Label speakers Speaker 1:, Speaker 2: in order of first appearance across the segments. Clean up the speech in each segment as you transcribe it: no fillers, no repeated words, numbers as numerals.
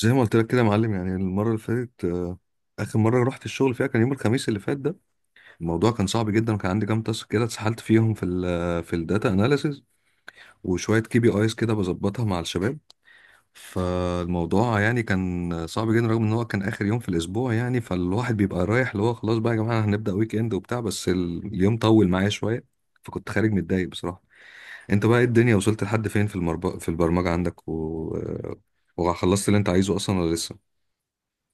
Speaker 1: زي ما قلت لك كده يا معلم، يعني المرة اللي فاتت آخر مرة رحت الشغل فيها كان يوم الخميس اللي فات ده. الموضوع كان صعب جدا، وكان عندي كام تاسك كده اتسحلت فيهم في الداتا اناليسز، وشوية كي بي ايز كده بظبطها مع الشباب. فالموضوع يعني كان صعب جدا، رغم ان هو كان آخر يوم في الأسبوع، يعني فالواحد بيبقى رايح اللي هو خلاص بقى يا جماعة هنبدأ ويك اند وبتاع، بس اليوم طول معايا شوية. فكنت خارج متضايق بصراحة. انت بقى ايه، الدنيا وصلت لحد فين في البرمجة عندك و... آه، وخلصت اللي انت عايزه اصلا ولا لسه؟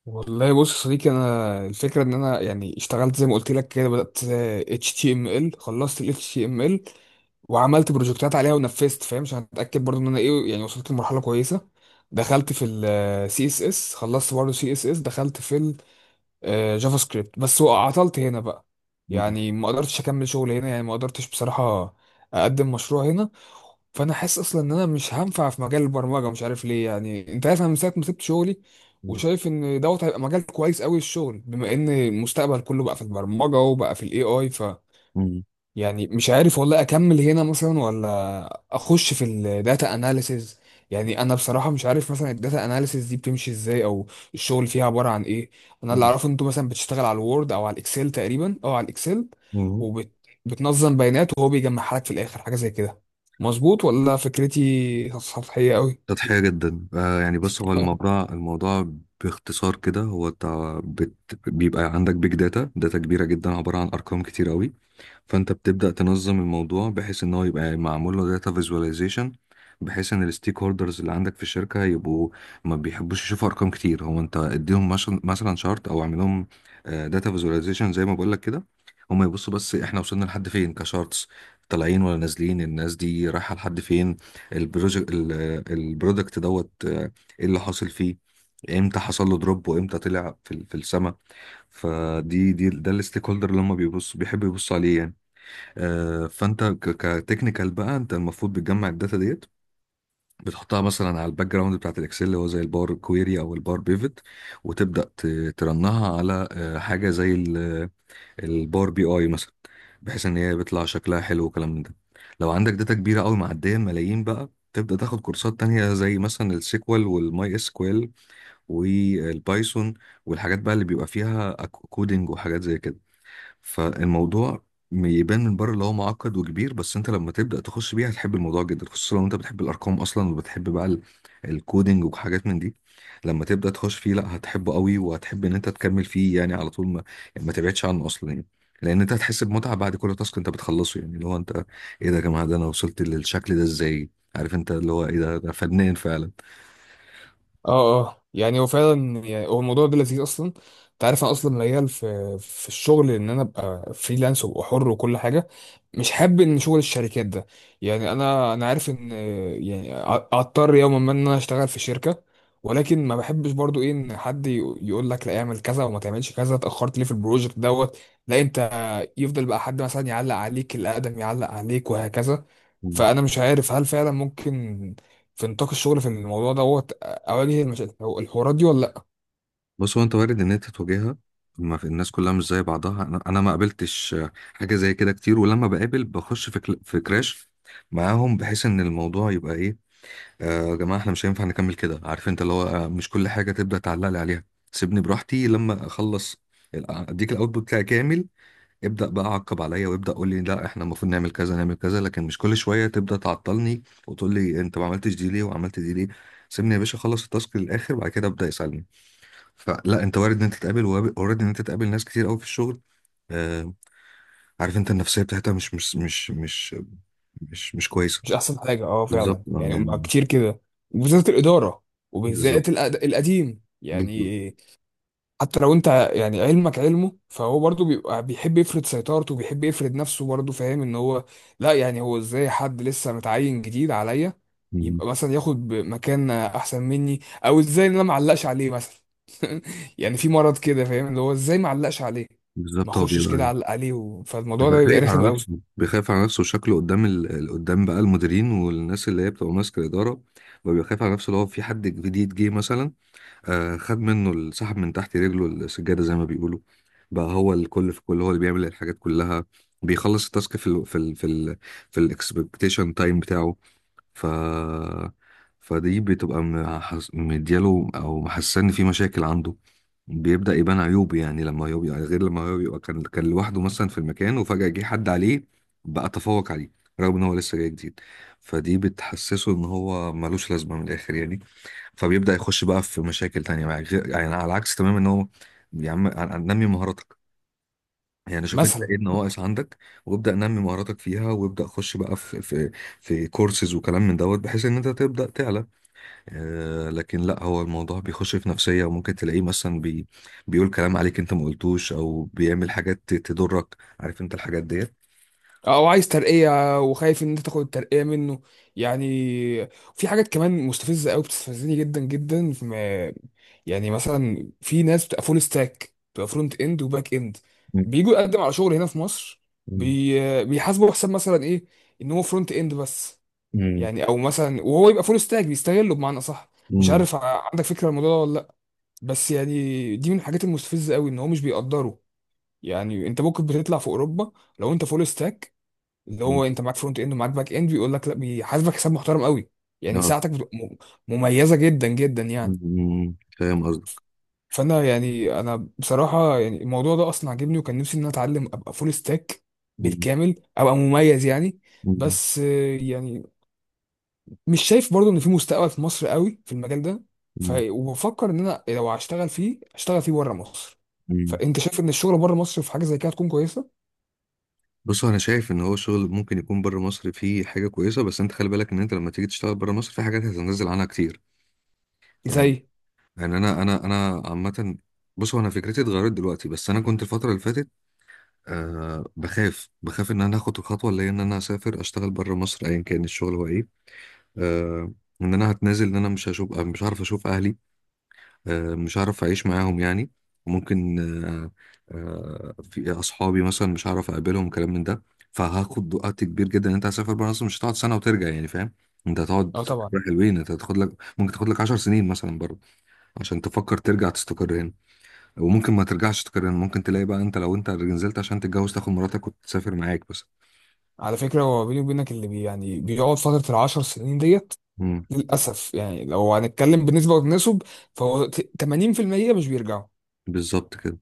Speaker 2: والله بص يا صديقي، انا الفكره ان انا يعني اشتغلت زي ما قلت لك كده، بدات اتش تي ام ال، خلصت ال اتش تي ام ال وعملت بروجكتات عليها ونفذت، فاهم؟ عشان اتاكد برضو ان انا ايه، يعني وصلت لمرحله كويسه. دخلت في السي اس اس، خلصت برضو سي اس اس، دخلت في جافا سكريبت، بس عطلت هنا بقى.
Speaker 1: مم.
Speaker 2: يعني ما قدرتش اكمل شغل هنا، يعني ما قدرتش بصراحة اقدم مشروع هنا. فانا حاسس اصلا ان انا مش هنفع في مجال البرمجة، مش عارف ليه. يعني انت عارف انا من ساعة ما سبت شغلي وشايف ان دوت هيبقى مجال كويس قوي الشغل، بما ان المستقبل كله بقى في البرمجة وبقى في الاي اي.
Speaker 1: مم.
Speaker 2: يعني مش عارف والله اكمل هنا مثلا ولا اخش في الداتا اناليسز. يعني انا بصراحه مش عارف مثلا الداتا اناليسز دي بتمشي ازاي، او الشغل فيها عباره عن ايه. انا اللي
Speaker 1: مم.
Speaker 2: اعرفه إن انتوا مثلا بتشتغل على الوورد او على الاكسل تقريبا، او على الاكسل
Speaker 1: مم.
Speaker 2: وبتنظم بيانات وهو بيجمعها لك في الاخر، حاجه زي كده. مظبوط ولا فكرتي سطحيه قوي؟
Speaker 1: سطحية جدا، يعني بص، هو الموضوع، باختصار كده، هو انت بيبقى عندك بيج داتا، داتا كبيرة جدا عبارة عن أرقام كتير قوي، فانت بتبدأ تنظم الموضوع بحيث ان هو يبقى معمول له داتا فيزواليزيشن، بحيث ان الستيك هولدرز اللي عندك في الشركة يبقوا، ما بيحبوش يشوفوا ارقام كتير، هو انت اديهم مثلا شارت، او اعمل لهم داتا فيزواليزيشن زي ما بقول لك كده. هم يبصوا بس احنا وصلنا لحد فين كشارتس، طالعين ولا نازلين، الناس دي رايحة لحد فين، البروجكت البرودكت دوت، ايه اللي حاصل فيه، امتى حصل له دروب وامتى طلع في السما. فدي دي ده الستيك هولدر اللي هم بيحبوا يبصوا عليه يعني. فانت كتكنيكال بقى، انت المفروض بتجمع الداتا ديت، بتحطها مثلا على الباك جراوند بتاعت الاكسل، اللي هو زي الباور كويري او الباور بيفت، وتبدا ترنها على حاجه زي الباور بي اي مثلا، بحيث ان هي بيطلع شكلها حلو وكلام من ده. لو عندك داتا كبيره قوي معديه ملايين، بقى تبدا تاخد كورسات تانية زي مثلا السيكوال والماي اس كوال والبايثون، والحاجات بقى اللي بيبقى فيها كودنج وحاجات زي كده. فالموضوع يبان من بره اللي هو معقد وكبير، بس انت لما تبدأ تخش بيه هتحب الموضوع جدا، خصوصا لو انت بتحب الارقام اصلا، وبتحب بقى الكودينج وحاجات من دي. لما تبدأ تخش فيه، لا، هتحبه قوي، وهتحب ان انت تكمل فيه يعني على طول، ما يعني ما تبعدش عنه اصلا يعني. لان انت هتحس بمتعة بعد كل تاسك انت بتخلصه، يعني اللي هو انت، ايه ده يا جماعة، ده انا وصلت للشكل ده ازاي، عارف انت اللي هو ايه ده فنان فعلا.
Speaker 2: اه اه، يعني هو فعلا يعني هو الموضوع ده لذيذ اصلا. انت عارف انا اصلا ميال في الشغل ان انا ابقى فريلانس وابقى حر وكل حاجه. مش حابب ان شغل الشركات ده. يعني انا عارف ان، يعني هضطر يوما ما ان انا اشتغل في شركه، ولكن ما بحبش برضو ايه، ان حد يقول لك لا اعمل كذا وما تعملش كذا، اتاخرت ليه في البروجكت دوت. لا، انت يفضل بقى حد مثلا يعلق عليك، الاقدم يعلق عليك، وهكذا. فانا مش عارف هل فعلا ممكن في نطاق الشغل في الموضوع دوت اواجه المشاكل هو الحوارات دي ولا لا،
Speaker 1: بص، هو انت وارد ان انت تواجهها، ما في الناس كلها مش زي بعضها. انا ما قابلتش حاجه زي كده كتير، ولما بقابل بخش في كراش معاهم، بحيث ان الموضوع يبقى ايه، يا جماعه احنا مش هينفع نكمل كده، عارف انت اللي هو، مش كل حاجه تبدا تعلق لي عليها، سيبني براحتي لما اخلص اديك الاوتبوت بتاعي كامل، ابدا بقى عقب عليا، وابدا قول لي لا احنا المفروض نعمل كذا، نعمل كذا، لكن مش كل شويه تبدا تعطلني وتقول لي انت ما عملتش دي ليه وعملت دي ليه. سيبني يا باشا اخلص التاسك للاخر، وبعد كده ابدا يسالني. فلا، انت وارد ان انت تقابل، ناس كتير قوي في الشغل. آه، عارف انت النفسيه بتاعتها مش كويسه.
Speaker 2: مش احسن حاجه؟ اه
Speaker 1: بالظبط،
Speaker 2: فعلا
Speaker 1: اه
Speaker 2: يعني، مع
Speaker 1: يعني.
Speaker 2: كتير كده. وبالذات الاداره،
Speaker 1: بالظبط.
Speaker 2: وبالذات القديم
Speaker 1: بالظبط.
Speaker 2: يعني. حتى لو انت يعني علمك علمه، فهو برضه بيبقى بيحب يفرض سيطرته وبيحب يفرض نفسه، برضه فاهم ان هو لا، يعني هو ازاي حد لسه متعين جديد عليا
Speaker 1: مم.
Speaker 2: يبقى مثلا ياخد مكان احسن مني؟ او ازاي ان انا معلقش عليه مثلا؟ يعني في مرض كده، فاهم؟ اللي هو ازاي معلقش عليه، ما
Speaker 1: بالظبط، هو
Speaker 2: اخشش كده
Speaker 1: بيبقى
Speaker 2: علق عليه فالموضوع ده
Speaker 1: بيبقى
Speaker 2: بيبقى
Speaker 1: خايف
Speaker 2: رخم
Speaker 1: على
Speaker 2: قوي
Speaker 1: نفسه، بيخاف على نفسه، شكله قدام قدام بقى المديرين والناس اللي هي بتبقى ماسكه الاداره، وبيبقى خايف على نفسه لو في حد جديد جه مثلا، خد منه سحب من تحت رجله السجادة زي ما بيقولوا، بقى هو الكل في كل، هو اللي بيعمل الحاجات كلها، بيخلص التاسك في الاكسبكتيشن تايم بتاعه. ف فدي بتبقى مدياله، او محسسني في مشاكل عنده، بيبدأ يبان عيوب، يعني لما هو بيبقى غير لما هو بيبقى كان لوحده مثلا في المكان، وفجأة جه حد عليه، بقى تفوق عليه، رغم ان هو لسه جاي جديد. فدي بتحسسه ان هو ملوش لازمة من الاخر يعني، فبيبدأ يخش بقى في مشاكل تانية، بقى يعني على العكس تماما ان هو، يا عم، نمي مهاراتك، يعني شوف انت
Speaker 2: مثلا.
Speaker 1: ايه النواقص عندك، وابدأ نمي مهاراتك فيها، وابدأ خش بقى في كورسز وكلام من دوت، بحيث ان انت تبدأ تعلى. لكن لا، هو الموضوع بيخش في نفسية، وممكن تلاقيه مثلا بيقول كلام عليك انت ما قلتوش، او بيعمل حاجات تضرك، عارف انت الحاجات ديت.
Speaker 2: او عايز ترقيه وخايف ان انت تاخد الترقيه منه. يعني في حاجات كمان مستفزه قوي، بتستفزني جدا جدا في يعني مثلا في ناس بتبقى فول ستاك، بتبقى فرونت اند وباك اند،
Speaker 1: مم.
Speaker 2: بيجوا يقدم على شغل هنا في مصر،
Speaker 1: مم.
Speaker 2: بيحاسبوا حساب مثلا ايه ان هو فرونت اند بس
Speaker 1: مم.
Speaker 2: يعني، او مثلا وهو يبقى فول ستاك بيستغله بمعنى صح. مش
Speaker 1: مم.
Speaker 2: عارف عندك فكره عن الموضوع ده ولا لا؟ بس يعني دي من الحاجات المستفزه قوي ان هو مش بيقدره. يعني انت ممكن بتطلع في اوروبا، لو انت فول ستاك، اللي
Speaker 1: مم.
Speaker 2: هو انت معاك فرونت اند ومعاك باك اند، بيقول لك لا، بيحاسبك حساب محترم قوي. يعني
Speaker 1: آه.
Speaker 2: ساعتك بتبقى مميزه جدا جدا يعني.
Speaker 1: مم. فاهم قصدك.
Speaker 2: فانا يعني انا بصراحه يعني الموضوع ده اصلا عاجبني، وكان نفسي ان انا اتعلم ابقى فول ستاك
Speaker 1: مم.
Speaker 2: بالكامل، ابقى مميز يعني.
Speaker 1: مم.
Speaker 2: بس يعني مش شايف برضو ان في مستقبل في مصر قوي في المجال ده. وبفكر ان انا لو هشتغل فيه اشتغل فيه بره مصر.
Speaker 1: مم.
Speaker 2: فانت شايف ان الشغل بره مصر في حاجه زي كده هتكون كويسه؟
Speaker 1: بص، انا شايف ان هو شغل ممكن يكون بره مصر فيه حاجه كويسه، بس انت خلي بالك ان انت لما تيجي تشتغل بره مصر في حاجات هتنزل عنها كتير، يعني،
Speaker 2: زي
Speaker 1: يعني انا عامه، بص هو انا فكرتي اتغيرت دلوقتي، بس انا كنت الفتره اللي فاتت بخاف ان انا اخد الخطوه اللي هي ان انا اسافر اشتغل بره مصر ايا كان الشغل هو ايه، آه ان انا هتنازل، ان انا مش هعرف اشوف اهلي، مش عارف اعيش معاهم يعني، وممكن، آه، في اصحابي مثلا مش عارف اقابلهم، كلام من ده، فهاخد وقت كبير جدا، ان انت هتسافر بره اصلا مش هتقعد سنه وترجع يعني، فاهم، انت هتقعد
Speaker 2: اه طبعا.
Speaker 1: حلوين، انت هتاخد لك، ممكن تاخد لك 10 سنين مثلا بره عشان تفكر ترجع تستقر هنا، وممكن ما ترجعش تستقر هنا، ممكن تلاقي بقى انت، لو انت نزلت عشان تتجوز، تاخد مراتك وتسافر معاك بس.
Speaker 2: على فكرة، هو بيني وبينك اللي بي يعني بيقعد فترة 10 سنين ديت
Speaker 1: امم.
Speaker 2: للأسف يعني، لو هنتكلم بنسبة وتناسب، فهو 80% مش بيرجعوا،
Speaker 1: بالظبط كده.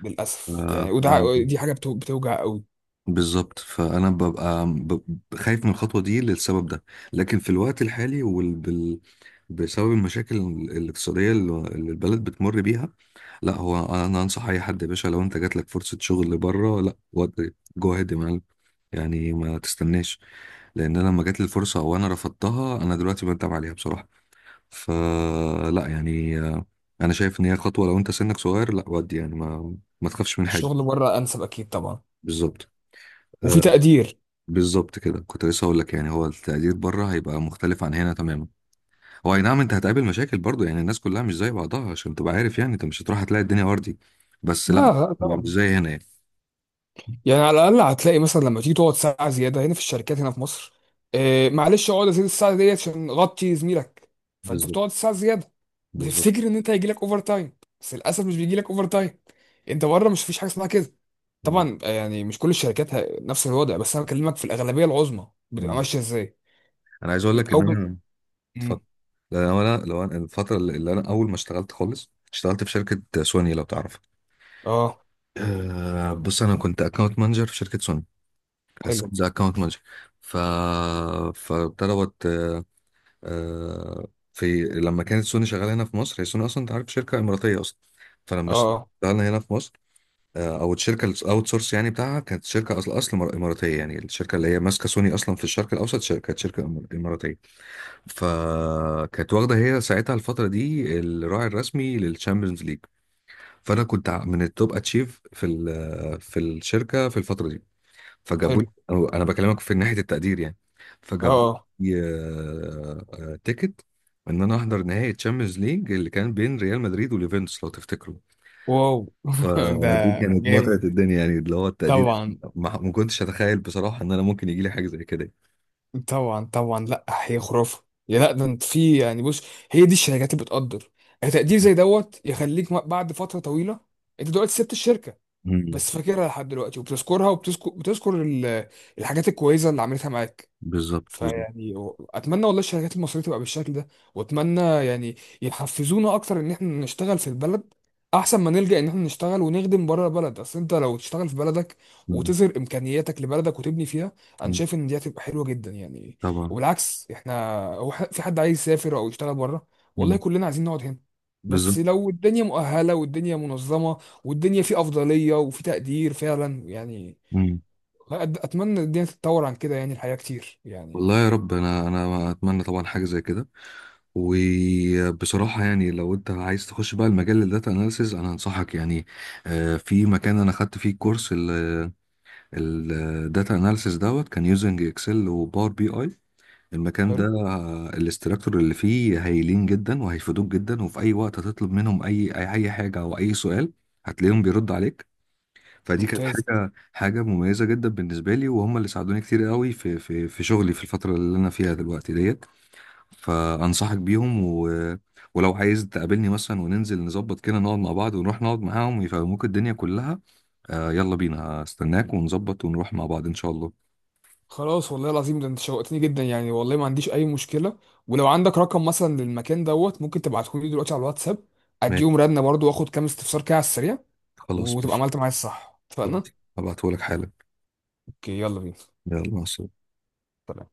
Speaker 2: للأسف يعني. وده
Speaker 1: ف...
Speaker 2: دي حاجة بتوجع قوي.
Speaker 1: بالظبط، فانا ببقى خايف من الخطوه دي للسبب ده، لكن في الوقت الحالي بسبب المشاكل الاقتصاديه اللي البلد بتمر بيها، لا، هو انا انصح اي حد يا باشا، لو انت جات لك فرصه شغل بره، لا ودي جو هيد يا معلم، يعني ما تستناش، لان انا لما جات لي الفرصه وانا رفضتها، انا دلوقتي بندم عليها بصراحه. فلا يعني، انا شايف ان هي خطوه، لو انت سنك صغير، لا ودي، يعني ما تخافش من حاجه.
Speaker 2: الشغل بره أنسب أكيد طبعا،
Speaker 1: بالظبط.
Speaker 2: وفي تقدير.
Speaker 1: بالظبط كده، كنت لسه هقول لك، يعني هو التقدير بره هيبقى مختلف عن هنا تماما، هو اي نعم انت هتقابل مشاكل برضو، يعني الناس كلها مش زي بعضها عشان تبقى عارف، يعني انت مش هتروح هتلاقي الدنيا وردي، بس
Speaker 2: لا
Speaker 1: لا،
Speaker 2: لا
Speaker 1: بقى مش
Speaker 2: طبعا.
Speaker 1: زي هنا يعني.
Speaker 2: يعني على الاقل هتلاقي مثلا لما تيجي تقعد ساعه زياده هنا في الشركات هنا في مصر، آه معلش اقعد ازيد الساعه ديت عشان غطي زميلك، فانت
Speaker 1: بالظبط.
Speaker 2: بتقعد ساعه زياده،
Speaker 1: بالظبط.
Speaker 2: بتفتكر ان انت هيجي لك اوفر تايم، بس للاسف مش بيجي لك اوفر تايم. انت بره مش فيش حاجه اسمها كده.
Speaker 1: بالظبط.
Speaker 2: طبعا يعني مش كل الشركات نفس الوضع، بس انا بكلمك في الاغلبيه العظمى بتبقى
Speaker 1: مم.
Speaker 2: ماشيه ازاي.
Speaker 1: انا عايز اقول لك
Speaker 2: او
Speaker 1: ان انا،
Speaker 2: مم.
Speaker 1: اتفضل. لو انا الفتره اللي انا اول ما اشتغلت خالص، اشتغلت في شركه سوني، لو تعرف،
Speaker 2: اه
Speaker 1: أه. بص، انا كنت اكونت مانجر في شركه سوني،
Speaker 2: حلو.
Speaker 1: سيلز اكونت مانجر. ف فابتدى، آه، في لما كانت سوني شغاله هنا في مصر، هي سوني اصلا انت عارف شركه اماراتيه اصلا، فلما
Speaker 2: اه آه،
Speaker 1: اشتغلنا هنا في مصر، او الشركه الاوت سورس يعني بتاعها، كانت شركه اصل اماراتيه، يعني الشركه اللي هي ماسكه سوني اصلا في الشرق الاوسط، كانت شركه اماراتيه، فكانت واخده هي ساعتها الفتره دي الراعي الرسمي للشامبيونز ليج. فانا كنت من التوب اتشيف في الشركه في الفتره دي، فجابوا
Speaker 2: حلو.
Speaker 1: لي، أو انا بكلمك في ناحيه التقدير يعني،
Speaker 2: اه
Speaker 1: فجابوا
Speaker 2: آه.
Speaker 1: لي تيكت ان انا احضر نهائي تشامبيونز ليج، اللي كان بين ريال مدريد واليوفنتوس لو تفتكروا.
Speaker 2: واو. ده
Speaker 1: فدي كانت متعه
Speaker 2: جامد
Speaker 1: الدنيا، يعني اللي هو التقدير،
Speaker 2: طبعا.
Speaker 1: ما كنتش اتخيل بصراحه ان انا ممكن يجي لي حاجه زي كده.
Speaker 2: طبعا طبعا، لا هي خرافه. يا لا ده انت في يعني، بص هي دي الشركات اللي بتقدر، تقدير زي دوت يخليك بعد فتره طويله. انت دلوقتي سبت الشركه
Speaker 1: مم.
Speaker 2: بس فاكرها لحد دلوقتي، وبتذكرها وبتذكر الحاجات الكويسه اللي عملتها معاك.
Speaker 1: بالظبط. بالظبط.
Speaker 2: فيعني اتمنى والله الشركات المصريه تبقى بالشكل ده، واتمنى يعني يحفزونا اكتر ان احنا نشتغل في البلد، احسن ما نلجأ ان احنا نشتغل ونخدم بره البلد. اصل انت لو تشتغل في بلدك
Speaker 1: مم.
Speaker 2: وتظهر امكانياتك لبلدك وتبني فيها، انا
Speaker 1: مم.
Speaker 2: شايف ان دي هتبقى حلوه جدا يعني.
Speaker 1: طبعا.
Speaker 2: وبالعكس احنا هو في حد عايز يسافر او يشتغل بره؟ والله
Speaker 1: مم.
Speaker 2: كلنا عايزين نقعد هنا،
Speaker 1: بالظبط.
Speaker 2: بس لو الدنيا مؤهله والدنيا منظمه والدنيا في افضليه وفي تقدير فعلا يعني. اتمنى الدنيا تتطور عن كده، يعني الحياه كتير
Speaker 1: والله يا
Speaker 2: يعني.
Speaker 1: رب، انا اتمنى طبعا حاجه زي كده. وبصراحه يعني، لو انت عايز تخش بقى المجال الداتا اناليسز، انا انصحك يعني، في مكان انا خدت فيه كورس الداتا اناليسز دوت، كان يوزنج اكسل وباور بي اي. المكان ده،
Speaker 2: حلو.
Speaker 1: الاستراكتور اللي فيه هايلين جدا وهيفيدوك جدا، وفي اي وقت هتطلب منهم اي اي أي حاجه او اي سؤال، هتلاقيهم بيرد عليك. فدي كانت
Speaker 2: ممتاز.
Speaker 1: حاجة مميزة جدا بالنسبة لي، وهم اللي ساعدوني كتير قوي في شغلي في الفترة اللي أنا فيها دلوقتي ديت. فأنصحك بيهم ولو عايز تقابلني مثلا وننزل نظبط كده، نقعد مع بعض ونروح نقعد معاهم يفهموك الدنيا كلها. يلا بينا، هستناك ونظبط ونروح مع بعض إن شاء الله.
Speaker 2: خلاص والله العظيم ده انت شوقتني جدا يعني، والله ما عنديش اي مشكله. ولو عندك رقم مثلا للمكان دوت، ممكن تبعته لي دلوقتي على الواتساب، اديهم
Speaker 1: ماشي.
Speaker 2: رنه برضو، واخد كام استفسار كده على السريع.
Speaker 1: خلاص،
Speaker 2: وتبقى
Speaker 1: ماشي.
Speaker 2: عملت معايا الصح،
Speaker 1: خلاص.
Speaker 2: اتفقنا؟
Speaker 1: هبعتهولك حالا.
Speaker 2: اوكي يلا بينا.
Speaker 1: يلا مع السلامة.
Speaker 2: سلام.